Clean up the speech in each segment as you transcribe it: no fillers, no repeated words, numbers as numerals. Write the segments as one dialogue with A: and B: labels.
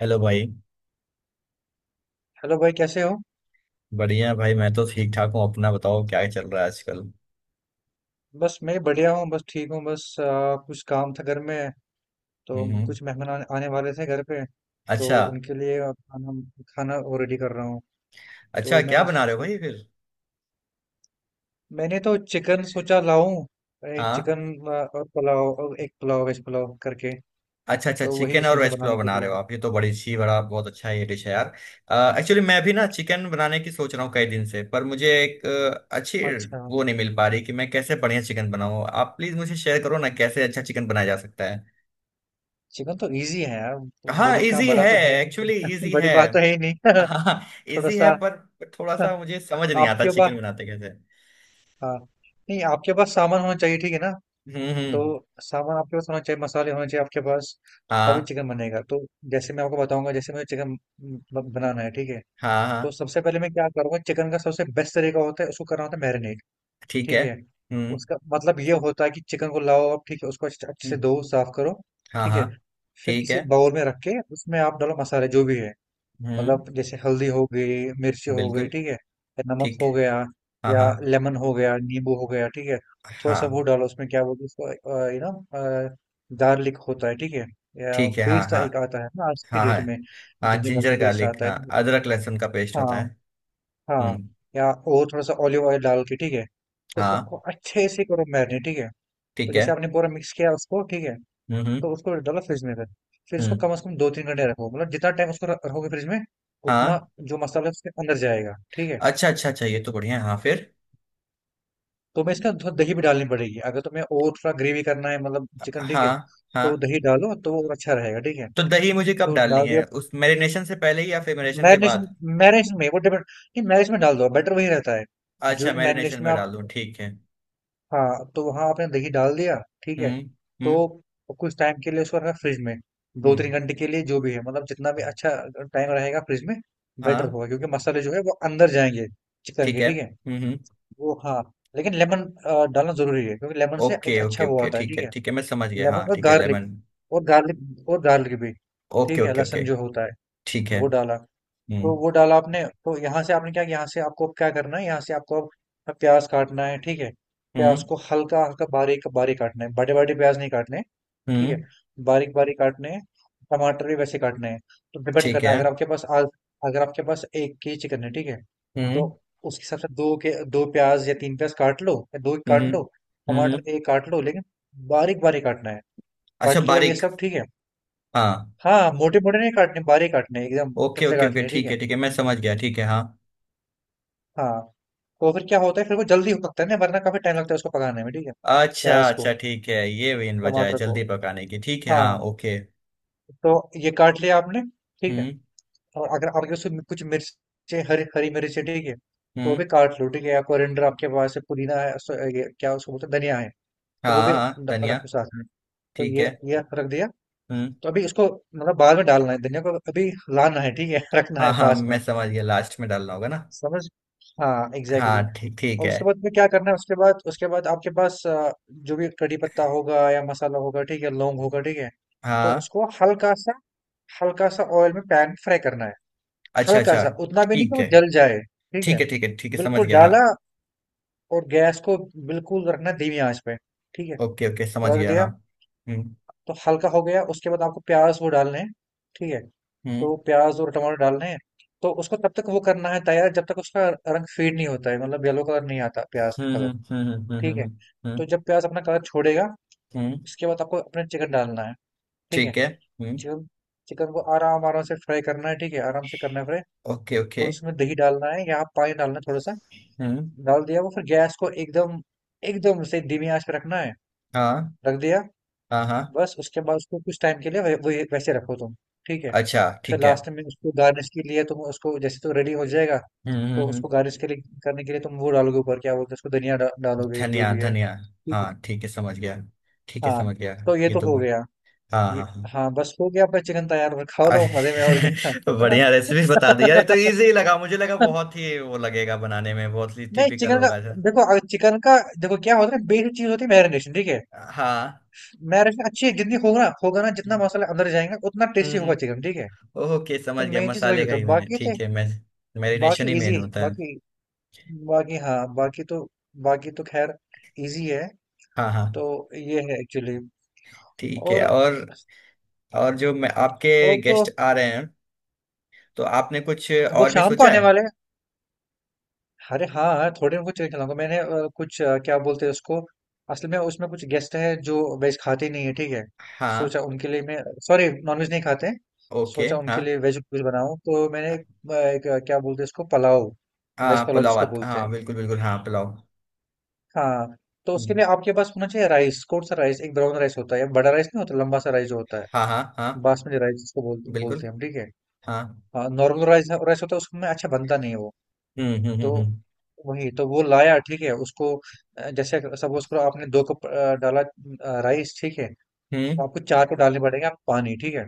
A: Hello भाई।
B: Hello भाई कैसे हो।
A: बढ़िया भाई, मैं तो ठीक ठाक हूँ। अपना बताओ, क्या चल रहा है आजकल?
B: बस मैं बढ़िया हूँ, बस ठीक हूँ। बस कुछ काम था घर में, तो
A: हम्म।
B: कुछ मेहमान आने आने वाले थे घर पे, तो
A: अच्छा।
B: उनके लिए खाना खाना वो रेडी कर रहा हूँ।
A: अच्छा,
B: तो
A: क्या बना रहे हो भाई फिर?
B: मैंने तो चिकन सोचा लाऊं, एक
A: हाँ।
B: चिकन और पुलाव, और एक पुलाव वेज पुलाव करके।
A: अच्छा अच्छा,
B: तो वही
A: चिकन और
B: सोच रहा
A: वेज
B: हूं
A: पुलाव
B: बनाने के
A: बना रहे हो
B: लिए।
A: आप। ये तो बड़ी अच्छी, बड़ा बहुत अच्छा, ये डिश है यार। एक्चुअली मैं भी ना चिकन बनाने की सोच रहा हूँ कई दिन से, पर मुझे एक अच्छी
B: अच्छा,
A: वो नहीं मिल पा रही कि मैं कैसे बढ़िया चिकन बनाऊँ। आप प्लीज मुझे शेयर करो ना, कैसे अच्छा चिकन बनाया जा सकता है।
B: चिकन तो इजी है यार। तो
A: हाँ
B: बड़ी
A: इजी
B: काम बड़ा
A: है।
B: तो है ही
A: एक्चुअली
B: नहीं
A: इजी
B: बड़ी
A: है।
B: बात तो है ही नहीं
A: हाँ।
B: थोड़ा
A: इजी है
B: सा
A: पर थोड़ा सा मुझे समझ नहीं आता
B: आपके पास
A: चिकन बनाते कैसे।
B: हाँ, नहीं, आपके पास सामान होना चाहिए, ठीक है ना। तो
A: हम्म।
B: सामान आपके पास होना चाहिए, मसाले होने चाहिए आपके पास, तभी
A: हाँ
B: चिकन बनेगा। तो जैसे मैं आपको बताऊंगा, जैसे मुझे चिकन बनाना है, ठीक है।
A: हाँ
B: तो
A: हाँ।
B: सबसे पहले मैं क्या करूंगा, चिकन का सबसे बेस्ट तरीका होता है उसको करना होता है मैरिनेट,
A: ठीक
B: ठीक
A: है।
B: है।
A: हम्म
B: उसका मतलब ये होता है कि चिकन को लाओ आप, ठीक है, उसको अच्छे अच्छे से
A: हम्म,
B: धो, साफ करो,
A: हाँ
B: ठीक है।
A: हाँ।
B: फिर
A: ठीक है।
B: किसी बाउल में रख के उसमें आप डालो मसाले जो भी है,
A: हम्म।
B: मतलब जैसे हल्दी हो गई, मिर्ची हो गई,
A: बिल्कुल।
B: ठीक है, या नमक
A: ठीक।
B: हो गया,
A: हाँ
B: या
A: हाँ
B: लेमन हो गया, नींबू हो गया, ठीक है। थोड़ा सा वो
A: हाँ।
B: डालो, उसमें क्या बोलते हैं उसको, गार्लिक होता है, ठीक है, या
A: ठीक है। हाँ
B: पेस्ट
A: हाँ।
B: एक आता है ना आज के
A: हाँ हाँ
B: डेट में,
A: हाँ
B: ginger
A: ginger
B: garlic paste
A: garlic,
B: आता
A: हाँ
B: है,
A: अदरक लहसुन का पेस्ट
B: हाँ
A: होता है।
B: हाँ।
A: हम्म।
B: या और थोड़ा सा ऑलिव ऑयल डाल के, ठीक है, तो
A: हाँ।
B: उसको अच्छे से करो मैरिनेट, ठीक है। तो
A: ठीक है।
B: जैसे आपने पूरा मिक्स किया उसको, ठीक है,
A: हम्म
B: तो
A: हम्म
B: उसको डाला फ्रिज में। फिर इसको
A: हम्म,
B: कम से कम 2-3 घंटे रखो, मतलब जितना टाइम उसको रखोगे फ्रिज में, उतना
A: हाँ।
B: जो मसाला है उसके अंदर जाएगा, ठीक है।
A: अच्छा अच्छा अच्छा ये तो बढ़िया है, हाँ फिर।
B: तो मैं इसका थोड़ा दही भी डालनी पड़ेगी अगर तुम्हें, और थोड़ा ग्रेवी करना है मतलब चिकन, ठीक
A: हाँ
B: है,
A: हाँ।
B: तो दही डालो तो वो अच्छा रहेगा, ठीक है।
A: तो दही मुझे कब
B: तो
A: डालनी
B: डाल
A: है,
B: दिया
A: उस मैरिनेशन से पहले ही या फिर मैरिनेशन के
B: मैरिनेशन,
A: बाद?
B: मैरिनेशन में वो डिपेंड नहीं, मैरिनेशन में डाल दो बेटर वही रहता है।
A: अच्छा,
B: जो
A: मैरिनेशन
B: मैरिनेशन में
A: में
B: आप,
A: डाल दूँ, ठीक है।
B: हाँ, तो वहाँ आपने दही डाल दिया, ठीक है।
A: हम्म हम्म
B: तो कुछ टाइम के लिए उसको रखा फ्रिज में, दो तीन
A: हम्म।
B: घंटे के लिए जो भी है, मतलब जितना भी अच्छा टाइम रहेगा फ्रिज में बेटर
A: हाँ।
B: होगा, क्योंकि मसाले जो है वो अंदर जाएंगे चिकन
A: ठीक
B: के,
A: है।
B: ठीक है।
A: हम्म।
B: वो हाँ, लेकिन लेमन डालना जरूरी है, क्योंकि लेमन से एक
A: ओके
B: अच्छा
A: ओके
B: वो
A: ओके,
B: आता है,
A: ठीक
B: ठीक
A: है
B: है।
A: ठीक है, मैं समझ गया। हाँ
B: लेमन और
A: ठीक है,
B: गार्लिक,
A: लेमन।
B: और गार्लिक भी,
A: ओके
B: ठीक है,
A: ओके ओके।
B: लहसुन जो होता है
A: ठीक है।
B: वो डाला। तो
A: हम्म
B: वो डाला आपने, तो यहाँ से आपने क्या, यहाँ से आपको अब क्या करना है, यहाँ से आपको अब प्याज काटना है, ठीक है। प्याज
A: हम्म
B: को हल्का हल्का बारीक बारीक काटना है, बड़े बड़े प्याज नहीं काटने, ठीक है,
A: हम्म।
B: बारीक बारीक काटने हैं। टमाटर भी वैसे काटने हैं। तो डिपेंड
A: ठीक
B: करता है,
A: है।
B: अगर आपके पास आज, अगर आपके पास एक के चिकन है, ठीक है, तो
A: हम्म
B: उसके हिसाब से दो के दो प्याज या तीन प्याज काट लो या दो
A: हम्म
B: काट लो,
A: हम्म हम्म।
B: टमाटर एक काट लो, लेकिन बारीक बारीक काटना है।
A: अच्छा
B: काट लिया ये
A: बारीक।
B: सब, ठीक है,
A: हाँ।
B: हाँ, मोटे मोटे नहीं काटने, बारीक काटने एकदम
A: ओके
B: पतले
A: ओके ओके,
B: काटने, ठीक
A: ठीक है
B: है,
A: ठीक है, मैं समझ गया, ठीक है हाँ।
B: हाँ। तो फिर क्या होता है, फिर वो जल्दी हो सकता है ना, वरना काफी टाइम लगता है उसको पकाने में, ठीक है,
A: अच्छा
B: प्याज
A: अच्छा
B: को,
A: ठीक है, ये मेन वजह है
B: टमाटर को,
A: जल्दी पकाने की, ठीक है
B: हाँ।
A: हाँ, ओके।
B: तो ये काट लिया आपने, ठीक है।
A: हम्म
B: और अगर आपके पास उसमें कुछ मिर्ची, हरी हरी मिर्च है, ठीक है, तो वो
A: हम्म।
B: भी काट लो, ठीक है। या कोरिएंडर आपके पास है, पुदीना है, ये क्या उसको बोलते हैं, धनिया है, तो वो
A: हाँ
B: भी
A: हाँ, धनिया।
B: रख दो साथ में। तो
A: ठीक है।
B: ये रख दिया।
A: हम्म।
B: तो अभी इसको मतलब बाद में डालना है धनिया को, अभी लाना है, ठीक है रखना
A: हाँ
B: है
A: हाँ
B: पास में।
A: मैं समझ गया, लास्ट में डालना होगा ना।
B: समझ हाँ, एग्जैक्टली।
A: हाँ ठीक, ठीक
B: और
A: है।
B: उसके बाद में क्या करना है, उसके बाद, उसके बाद आपके पास जो भी कड़ी पत्ता होगा या मसाला होगा, ठीक है, लौंग होगा, ठीक है, तो
A: हाँ।
B: उसको हल्का सा, हल्का सा ऑयल में पैन फ्राई करना है,
A: अच्छा
B: हल्का
A: अच्छा।
B: सा, उतना भी नहीं कि
A: ठीक
B: वो
A: है।
B: जल जाए, ठीक है।
A: ठीक है ठीक है ठीक है, समझ
B: बिल्कुल
A: गया हाँ।
B: डाला और गैस को बिल्कुल रखना धीमी आंच पे, ठीक है।
A: ओके ओके, समझ
B: वो रख
A: गया हाँ।
B: दिया,
A: हम्म
B: तो हल्का हो गया। उसके बाद आपको प्याज वो डालने हैं, ठीक है,
A: हम्म
B: तो प्याज और टमाटर डालने हैं। तो उसको तब तक वो करना है तैयार जब तक उसका रंग फेड नहीं होता है, मतलब येलो कलर नहीं आता प्याज
A: हम्म
B: का कलर,
A: हम्म हम्म हम्म
B: ठीक
A: हम्म,
B: है।
A: हम्म,
B: तो जब प्याज अपना कलर छोड़ेगा,
A: हम्म,
B: उसके बाद आपको अपना चिकन डालना है, ठीक है।
A: ठीक है। हम्म।
B: चिकन, चिकन को आराम आराम से फ्राई करना है, ठीक है, आराम से करना है फ्राई,
A: ओके ओके।
B: और उसमें दही डालना है या आप पानी डालना है थोड़ा सा।
A: हम्म।
B: डाल दिया वो, फिर गैस को एकदम एकदम से धीमी आंच पे रखना है।
A: हाँ
B: रख दिया,
A: हाँ हाँ।
B: बस। उसके बाद उसको कुछ टाइम के लिए वै, वै, वैसे रखो तुम, ठीक है।
A: अच्छा
B: फिर
A: ठीक है।
B: लास्ट में उसको गार्निश के लिए तुम उसको, जैसे तो रेडी हो जाएगा,
A: हम्म हम्म
B: तो
A: हम्म,
B: उसको गार्निश के लिए, करने के लिए तुम वो डालोगे ऊपर क्या बोलते हैं उसको, धनिया डालोगे जो
A: धनिया
B: भी है,
A: धनिया।
B: ठीक है,
A: हाँ ठीक है, समझ गया। ठीक है
B: हाँ।
A: समझ गया।
B: तो ये
A: ये
B: तो
A: तो
B: हो
A: बढ़
B: गया,
A: हाँ
B: ये
A: हाँ हाँ।
B: हाँ, बस हो गया। पर चिकन तैयार, और खाओ लो मजे में, और क्या
A: अरे, बढ़िया रेसिपी बता दी यार, ये तो इजी लगा, मुझे लगा बहुत ही वो लगेगा बनाने में, बहुत ही
B: नहीं,
A: टिपिकल
B: चिकन का
A: होगा ऐसा।
B: देखो, अगर चिकन का देखो क्या होता है, बेसिक चीज होती है मैरिनेशन, ठीक है।
A: हाँ।
B: मैरिनेशन अच्छी है जितनी, होगा होगा ना, जितना
A: हम्म
B: मसाला अंदर जाएगा उतना टेस्टी
A: हम्म।
B: होगा चिकन, ठीक है।
A: ओके समझ
B: तो
A: गया,
B: मेन चीज वही
A: मसाले का
B: होता
A: ही
B: है,
A: मैंने,
B: बाकी
A: ठीक
B: तो,
A: है मैं। मैरिनेशन
B: बाकी
A: ही मेन
B: इजी,
A: होता है।
B: बाकी, बाकी हाँ, बाकी तो, बाकी तो खैर इजी है।
A: हाँ हाँ।
B: तो ये है एक्चुअली।
A: ठीक है,
B: और
A: और। और जो मैं आपके,
B: और तो
A: गेस्ट आ रहे हैं, तो आपने कुछ
B: वो
A: और भी
B: शाम को
A: सोचा
B: आने
A: है?
B: वाले हैं। अरे हाँ, थोड़े बहुत चीज़ें खिलाऊंगा। मैंने कुछ क्या बोलते हैं उसको, असल में उसमें कुछ गेस्ट हैं जो वेज खाते ही नहीं है, ठीक है।
A: हाँ
B: सोचा उनके लिए मैं, सॉरी नॉनवेज नहीं खाते हैं।
A: ओके।
B: सोचा
A: हाँ
B: उनके लिए वेज कुछ बनाऊं, तो मैंने क्या बोलते हैं इसको, पुलाव, वेज
A: हाँ
B: पुलाव
A: पुलाव
B: जिसको
A: आता,
B: बोलते
A: हाँ
B: हैं,
A: बिल्कुल बिल्कुल हाँ पुलाव।
B: हाँ। तो उसके
A: हम्म,
B: लिए आपके पास होना चाहिए राइस। कौन सा राइस, एक ब्राउन राइस होता है, बड़ा राइस नहीं होता, लंबा सा राइस जो होता है,
A: हाँ हाँ हाँ।
B: बासमती राइस
A: बिल्कुल।
B: बोलते हैं हम, ठीक है,
A: हाँ।
B: हाँ। नॉर्मल राइस राइस होता है उसमें अच्छा बनता नहीं है वो।
A: हम्म हम्म
B: तो
A: हम्म हम्म
B: वही तो वो लाया, ठीक है। उसको जैसे सपोज करो आपने 2 कप डाला राइस, ठीक है, तो
A: हम्म,
B: आपको 4 कप डालने पड़ेंगे आप पानी, ठीक है।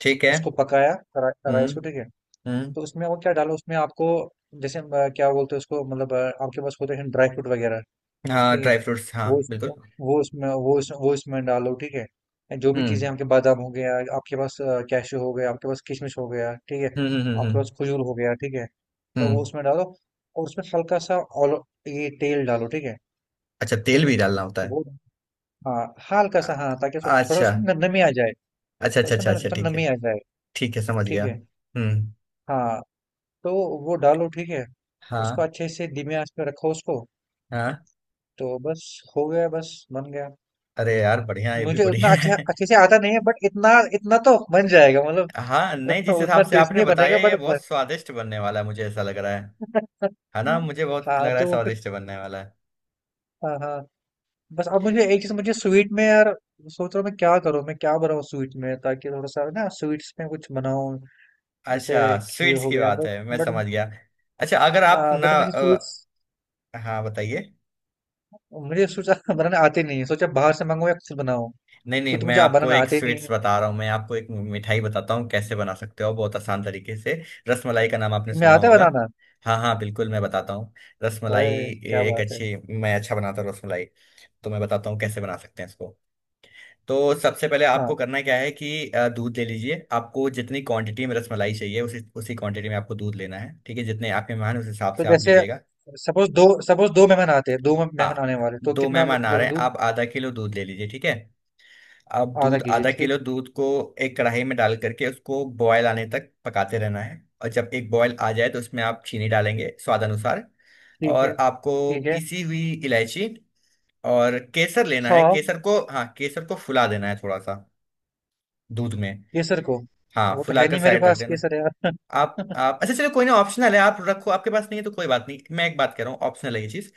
A: ठीक है।
B: उसको पकाया राइस को,
A: हम्म
B: ठीक है।
A: हम्म।
B: तो उसमें वो क्या डालो, उसमें आपको जैसे क्या बोलते हैं उसको, मतलब आपके पास होते हैं ड्राई फ्रूट वगैरह,
A: हाँ
B: ठीक है,
A: ड्राई फ्रूट्स हाँ
B: वो उसमें
A: बिल्कुल।
B: वो उसमें डालो, ठीक है। जो भी चीज़ें,
A: हम्म
B: आपके बादाम हो गया, आपके पास कैशू हो गया, आपके पास किशमिश हो गया, ठीक है,
A: हम्म हम्म हम्म
B: आपके
A: हम्म
B: पास खजूर हो गया, ठीक है, तो
A: हम्म,
B: वो उसमें डालो। और उसमें हल्का सा ऑल ये तेल डालो, ठीक है।
A: अच्छा तेल
B: ठीक है
A: भी डालना होता है?
B: वो हाँ, हल्का सा, हाँ, ताकि उसमें
A: अ-
B: थोड़ा
A: अच्छा
B: उसमें नमी आ जाए,
A: अच्छा अच्छा
B: उसमें
A: अच्छा अच्छा
B: थोड़ा
A: ठीक
B: नमी
A: है।
B: आ जाए,
A: ठीक है समझ
B: ठीक
A: गया,
B: है,
A: हम्म।
B: हाँ। तो वो डालो, ठीक है। उसको
A: हाँ
B: अच्छे से धीमी आंच पे रखो उसको।
A: हाँ।
B: तो बस हो गया, बस बन गया।
A: अरे यार बढ़िया, ये भी
B: मुझे उतना
A: बढ़िया
B: अच्छा
A: है।
B: अच्छे से आता नहीं है, बट इतना इतना तो बन जाएगा
A: हाँ नहीं,
B: मतलब
A: जिस
B: उतना
A: हिसाब से
B: टेस्ट
A: आपने
B: नहीं
A: बताया,
B: बनेगा,
A: ये बहुत स्वादिष्ट बनने वाला है, मुझे ऐसा लग रहा है। है ना, मुझे बहुत
B: हाँ
A: लग रहा है
B: तो फिर,
A: स्वादिष्ट बनने वाला है।
B: हाँ हाँ, बस। अब मुझे एक चीज, मुझे स्वीट में यार सोच रहा हूँ, मैं क्या करूँ, मैं क्या बनाऊँ स्वीट में, ताकि थोड़ा सा ना स्वीट्स में कुछ बनाऊँ, जैसे
A: अच्छा
B: खीर
A: स्वीट्स
B: हो
A: की
B: गया,
A: बात
B: बट,
A: है, मैं
B: बट
A: समझ गया। अच्छा, अगर आप ना
B: बट मुझे स्वीट्स,
A: हाँ बताइए।
B: मुझे सोचा बनाना आते नहीं है, सोचा बाहर से मंगाऊँ या खुद बनाऊँ,
A: नहीं नहीं,
B: खुद
A: मैं
B: मुझे
A: आपको
B: बनाना
A: एक
B: आते नहीं है।
A: स्वीट्स बता रहा हूँ, मैं आपको एक मिठाई बताता हूँ कैसे बना सकते हो, बहुत आसान तरीके से। रसमलाई का नाम आपने
B: तुम्हें
A: सुना
B: आता है
A: होगा।
B: बनाना?
A: हाँ हाँ बिल्कुल, मैं बताता हूँ। रसमलाई
B: अरे क्या
A: एक
B: बात है।
A: अच्छी। मैं अच्छा बनाता हूँ रसमलाई। तो मैं बताता हूँ कैसे बना सकते हैं इसको। तो सबसे पहले
B: हाँ
A: आपको करना क्या है कि दूध ले लीजिए, आपको जितनी क्वांटिटी में रसमलाई चाहिए, उसी उसी क्वांटिटी में आपको दूध लेना है, ठीक है। जितने आप मेहमान हैं, उस हिसाब
B: तो
A: से आप
B: जैसे,
A: लीजिएगा।
B: सपोज दो मेहमान आते हैं, दो मेहमान आने
A: हाँ।
B: वाले, तो
A: दो
B: कितना
A: मेहमान आ
B: ले
A: रहे
B: लूं
A: हैं,
B: दूध?
A: आप आधा किलो दूध ले लीजिए, ठीक है। अब
B: आधा
A: दूध,
B: केजी
A: आधा
B: ठीक,
A: किलो दूध को एक कढ़ाई में डाल करके उसको बॉयल आने तक पकाते रहना है, और जब एक बॉयल आ जाए तो उसमें आप चीनी डालेंगे स्वाद अनुसार।
B: ठीक है,
A: और आपको
B: ठीक है,
A: पीसी हुई इलायची, और केसर लेना है।
B: हाँ।
A: केसर को, हाँ केसर को फुला देना है थोड़ा सा दूध में।
B: केसर को,
A: हाँ
B: वो तो है
A: फुलाकर
B: नहीं मेरे
A: साइड रख
B: पास
A: देना।
B: केसर यार
A: आप आप अच्छा चलो कोई ना, ऑप्शनल है, आप रखो, आपके पास नहीं है तो कोई बात नहीं, मैं एक बात कह रहा हूँ, ऑप्शनल है ये चीज़।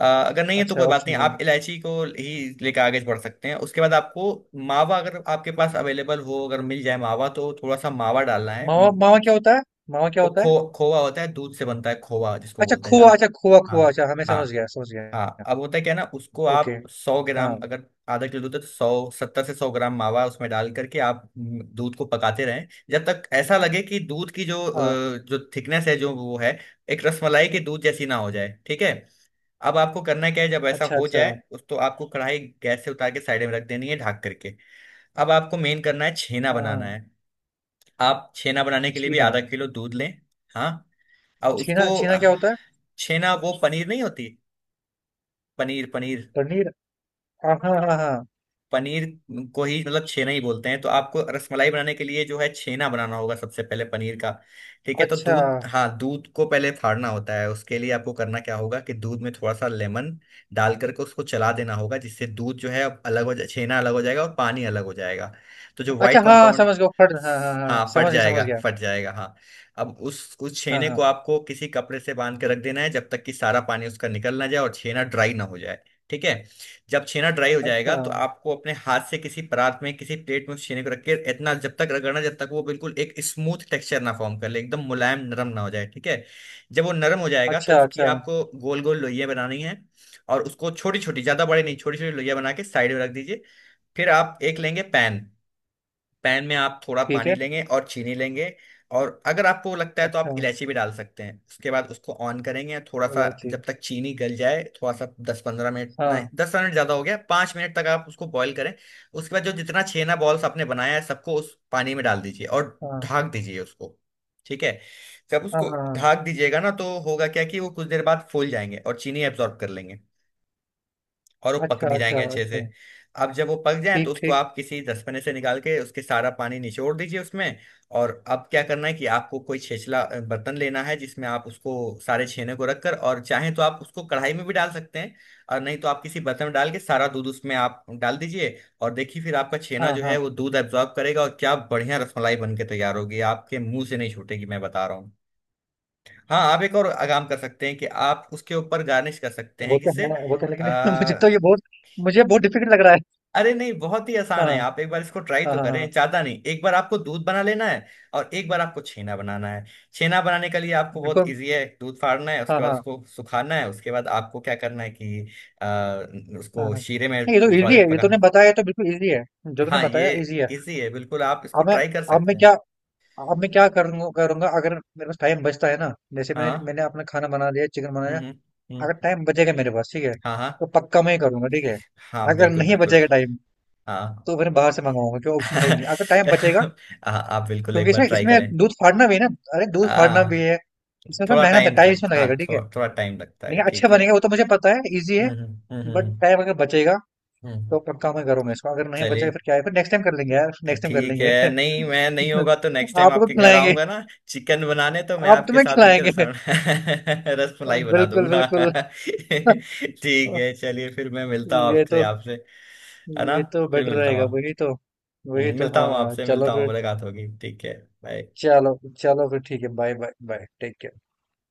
A: अगर नहीं है तो
B: अच्छा,
A: कोई बात
B: ऑप्शन
A: नहीं,
B: में।
A: आप इलायची को ही लेकर आगे बढ़ सकते हैं। उसके बाद आपको मावा, अगर आपके पास अवेलेबल हो, अगर मिल जाए मावा, तो थोड़ा सा मावा डालना है।
B: मावा, मावा क्या होता है, मावा क्या
A: वो
B: होता है?
A: खो खोवा होता है, दूध से बनता है, खोवा जिसको
B: अच्छा,
A: बोलते हैं।
B: खोआ, अच्छा खोआ,
A: हाँ
B: खोआ, अच्छा, हमें समझ
A: हाँ
B: गया, समझ
A: हाँ।
B: गया।
A: अब होता है क्या ना, उसको
B: ओके,
A: आप सौ
B: हाँ
A: ग्राम अगर आधा किलो दूध है तो 100, 70 से 100 ग्राम मावा उसमें डाल करके आप दूध को पकाते रहें, जब तक ऐसा लगे कि दूध की जो
B: हाँ,
A: जो थिकनेस है जो वो है, एक रसमलाई के दूध जैसी ना हो जाए, ठीक है। अब आपको करना क्या है, जब ऐसा
B: अच्छा
A: हो
B: अच्छा,
A: जाए उस तो आपको कढ़ाई गैस से उतार के साइड में रख देनी है ढक करके। अब आपको मेन करना है, छेना
B: हाँ
A: बनाना
B: हाँ,
A: है। आप छेना बनाने के लिए भी
B: छीना,
A: आधा किलो दूध लें। हाँ। और उसको।
B: छीना क्या होता है?
A: छेना वो पनीर नहीं होती? पनीर पनीर।
B: पनीर, हाँ हाँ हाँ हाँ।
A: पनीर को ही मतलब छेना ही बोलते हैं, तो आपको रसमलाई बनाने के लिए जो है छेना बनाना होगा सबसे पहले, पनीर का। ठीक है तो
B: अच्छा
A: दूध, हाँ दूध को पहले फाड़ना होता है, उसके लिए आपको करना क्या होगा कि दूध में थोड़ा सा लेमन डाल करके उसको चला देना होगा, जिससे दूध जो है अब अलग हो जाए, छेना अलग हो जाएगा और पानी अलग हो जाएगा। तो जो व्हाइट
B: अच्छा, हाँ
A: कंपाउंड।
B: समझ गया, फट हाँ हाँ हाँ,
A: हाँ फट
B: समझ गया, समझ
A: जाएगा,
B: गया।
A: फट जाएगा, हाँ। अब उस
B: हाँ
A: छेने को
B: हाँ।
A: आपको किसी कपड़े से बांध के रख देना है, जब तक कि सारा पानी उसका निकल ना जाए और छेना ड्राई ना हो जाए। ठीक है। जब छेना ड्राई हो जाएगा,
B: अच्छा,
A: तो आपको अपने हाथ से किसी परात में, किसी प्लेट में उस छेने को रख के इतना जब तक रगड़ना, जब तक वो बिल्कुल एक स्मूथ टेक्सचर ना फॉर्म कर ले, एकदम मुलायम नरम ना हो जाए, ठीक है। जब वो नरम हो जाएगा, तो
B: अच्छा,
A: उसकी
B: अच्छा,
A: आपको गोल गोल लोइयां बनानी है। और उसको छोटी छोटी, ज्यादा बड़े नहीं, छोटी छोटी लोइयां बना के साइड में रख दीजिए। फिर आप एक लेंगे पैन। पैन में आप थोड़ा
B: ठीक
A: पानी
B: है।
A: लेंगे और चीनी लेंगे। और अगर आपको लगता है तो
B: अच्छा,
A: आप इलायची भी डाल सकते हैं। उसके बाद उसको ऑन करेंगे, थोड़ा सा
B: इलायची।
A: जब तक चीनी गल जाए, थोड़ा सा 10-15 मिनट, नहीं
B: हाँ,
A: 10 मिनट ज़्यादा हो गया, 5 मिनट तक आप उसको बॉईल करें। उसके बाद जो जितना छेना बॉल्स आपने बनाया है सबको उस पानी में डाल दीजिए, और
B: हाँ,
A: ढाक दीजिए उसको, ठीक है। जब
B: हाँ,
A: उसको
B: हाँ, हाँ।
A: ढाक दीजिएगा ना, तो होगा क्या कि वो कुछ देर बाद फूल जाएंगे और चीनी एब्जॉर्ब कर लेंगे, और वो पक
B: अच्छा,
A: भी
B: अच्छा,
A: जाएंगे अच्छे
B: अच्छा।
A: से। अब जब वो पक जाए तो
B: ठीक,
A: उसको
B: ठीक।
A: आप किसी दसपने से निकाल के उसके सारा पानी निचोड़ दीजिए उसमें। और अब क्या करना है कि आपको कोई छेछला बर्तन लेना है, जिसमें आप उसको सारे छेने को रखकर, और चाहें तो आप उसको कढ़ाई में भी डाल सकते हैं, और नहीं तो आप किसी बर्तन में डाल के सारा दूध उसमें आप डाल दीजिए। और देखिए फिर आपका छेना
B: हाँ,
A: जो है
B: हाँ।
A: वो दूध एब्जॉर्ब करेगा, और क्या बढ़िया रसमलाई बन के तैयार होगी, आपके मुंह से नहीं छूटेगी, मैं बता रहा हूँ। हाँ आप एक और काम कर सकते हैं कि आप उसके ऊपर गार्निश कर सकते हैं किससे।
B: वो तो है, लेकिन मुझे तो ये बहुत, मुझे बहुत डिफिकल्ट लग रहा है।
A: अरे नहीं, बहुत ही
B: हाँ,
A: आसान है, आप एक बार इसको ट्राई
B: हाँ,
A: तो
B: हाँ,
A: करें,
B: हाँ।
A: ज्यादा नहीं, एक बार आपको दूध बना लेना है। और एक बार आपको छेना बनाना है। छेना बनाने के लिए आपको बहुत
B: बिल्कुल।
A: इजी है, दूध फाड़ना है,
B: हाँ,
A: उसके बाद
B: हाँ,
A: उसको सुखाना है, उसके बाद आपको क्या करना है कि
B: हाँ,
A: उसको
B: हाँ।
A: शीरे में
B: नहीं, ये तो
A: थोड़ा
B: इजी है।
A: देर
B: ये
A: पका।
B: तूने बताया तो बिल्कुल इजी है। जो तूने
A: हाँ ये
B: बताया इजी है।
A: इजी है बिल्कुल, आप इसको
B: अब मैं
A: ट्राई कर
B: अब मैं
A: सकते
B: क्या
A: हैं।
B: अब मैं क्या करूंगा, करूंगा अगर मेरे पास टाइम बचता है ना, जैसे मैंने
A: हाँ
B: मैंने अपना खाना बना लिया, चिकन बनाया,
A: हम्म हम्म हम्म,
B: अगर टाइम बचेगा मेरे पास, ठीक है,
A: हाँ हाँ
B: तो पक्का मैं ही करूंगा, ठीक है।
A: हाँ
B: अगर
A: बिल्कुल
B: नहीं
A: बिल्कुल
B: बचेगा टाइम,
A: हाँ।
B: तो फिर बाहर से मंगाऊंगा, क्यों ऑप्शन है ही नहीं अगर टाइम बचेगा।
A: हाँ, आप बिल्कुल एक
B: क्योंकि
A: बार
B: इसमें
A: ट्राई
B: इसमें
A: करें।
B: दूध फाड़ना भी है ना, अरे दूध फाड़ना
A: आ,
B: भी है, इसमें थोड़ा
A: थोड़ा
B: मेहनत है,
A: टाइम
B: टाइम
A: लग,
B: इसमें
A: हाँ
B: लगेगा, ठीक है।
A: थोड़ा टाइम लगता है,
B: लेकिन अच्छे
A: ठीक है।
B: बनेंगे वो तो मुझे पता है, इजी है।
A: हम्म हम्म हम्म हम्म,
B: बट
A: हम्म।
B: टाइम अगर बचेगा,
A: हम्म, हम्म।
B: तो पक्का मैं करूंगा इसको, अगर नहीं बचेगा
A: चलिए,
B: फिर क्या है, फिर नेक्स्ट टाइम कर लेंगे यार, नेक्स्ट टाइम कर
A: ठीक
B: लेंगे
A: है, नहीं मैं, नहीं होगा तो नेक्स्ट टाइम
B: आपको
A: आपके घर
B: खिलाएंगे,
A: आऊंगा ना चिकन बनाने, तो मैं
B: आप
A: आपके
B: तुम्हें
A: साथ मिलकर रस
B: खिलाएंगे
A: रसमलाई बना
B: बिल्कुल
A: दूंगा।
B: बिल्कुल
A: ठीक है चलिए, फिर मैं मिलता हूँ
B: ये
A: आपसे
B: तो,
A: आपसे। है ना।
B: ये तो
A: फिर
B: बेटर
A: मिलता हूँ
B: रहेगा, वही तो, वही तो,
A: मिलता
B: हाँ
A: हूँ
B: हाँ,
A: आपसे,
B: चलो
A: मिलता हूँ,
B: फिर।
A: मुलाकात होगी, ठीक है। बाय।
B: चलो चलो फिर, ठीक है, bye bye bye, take care.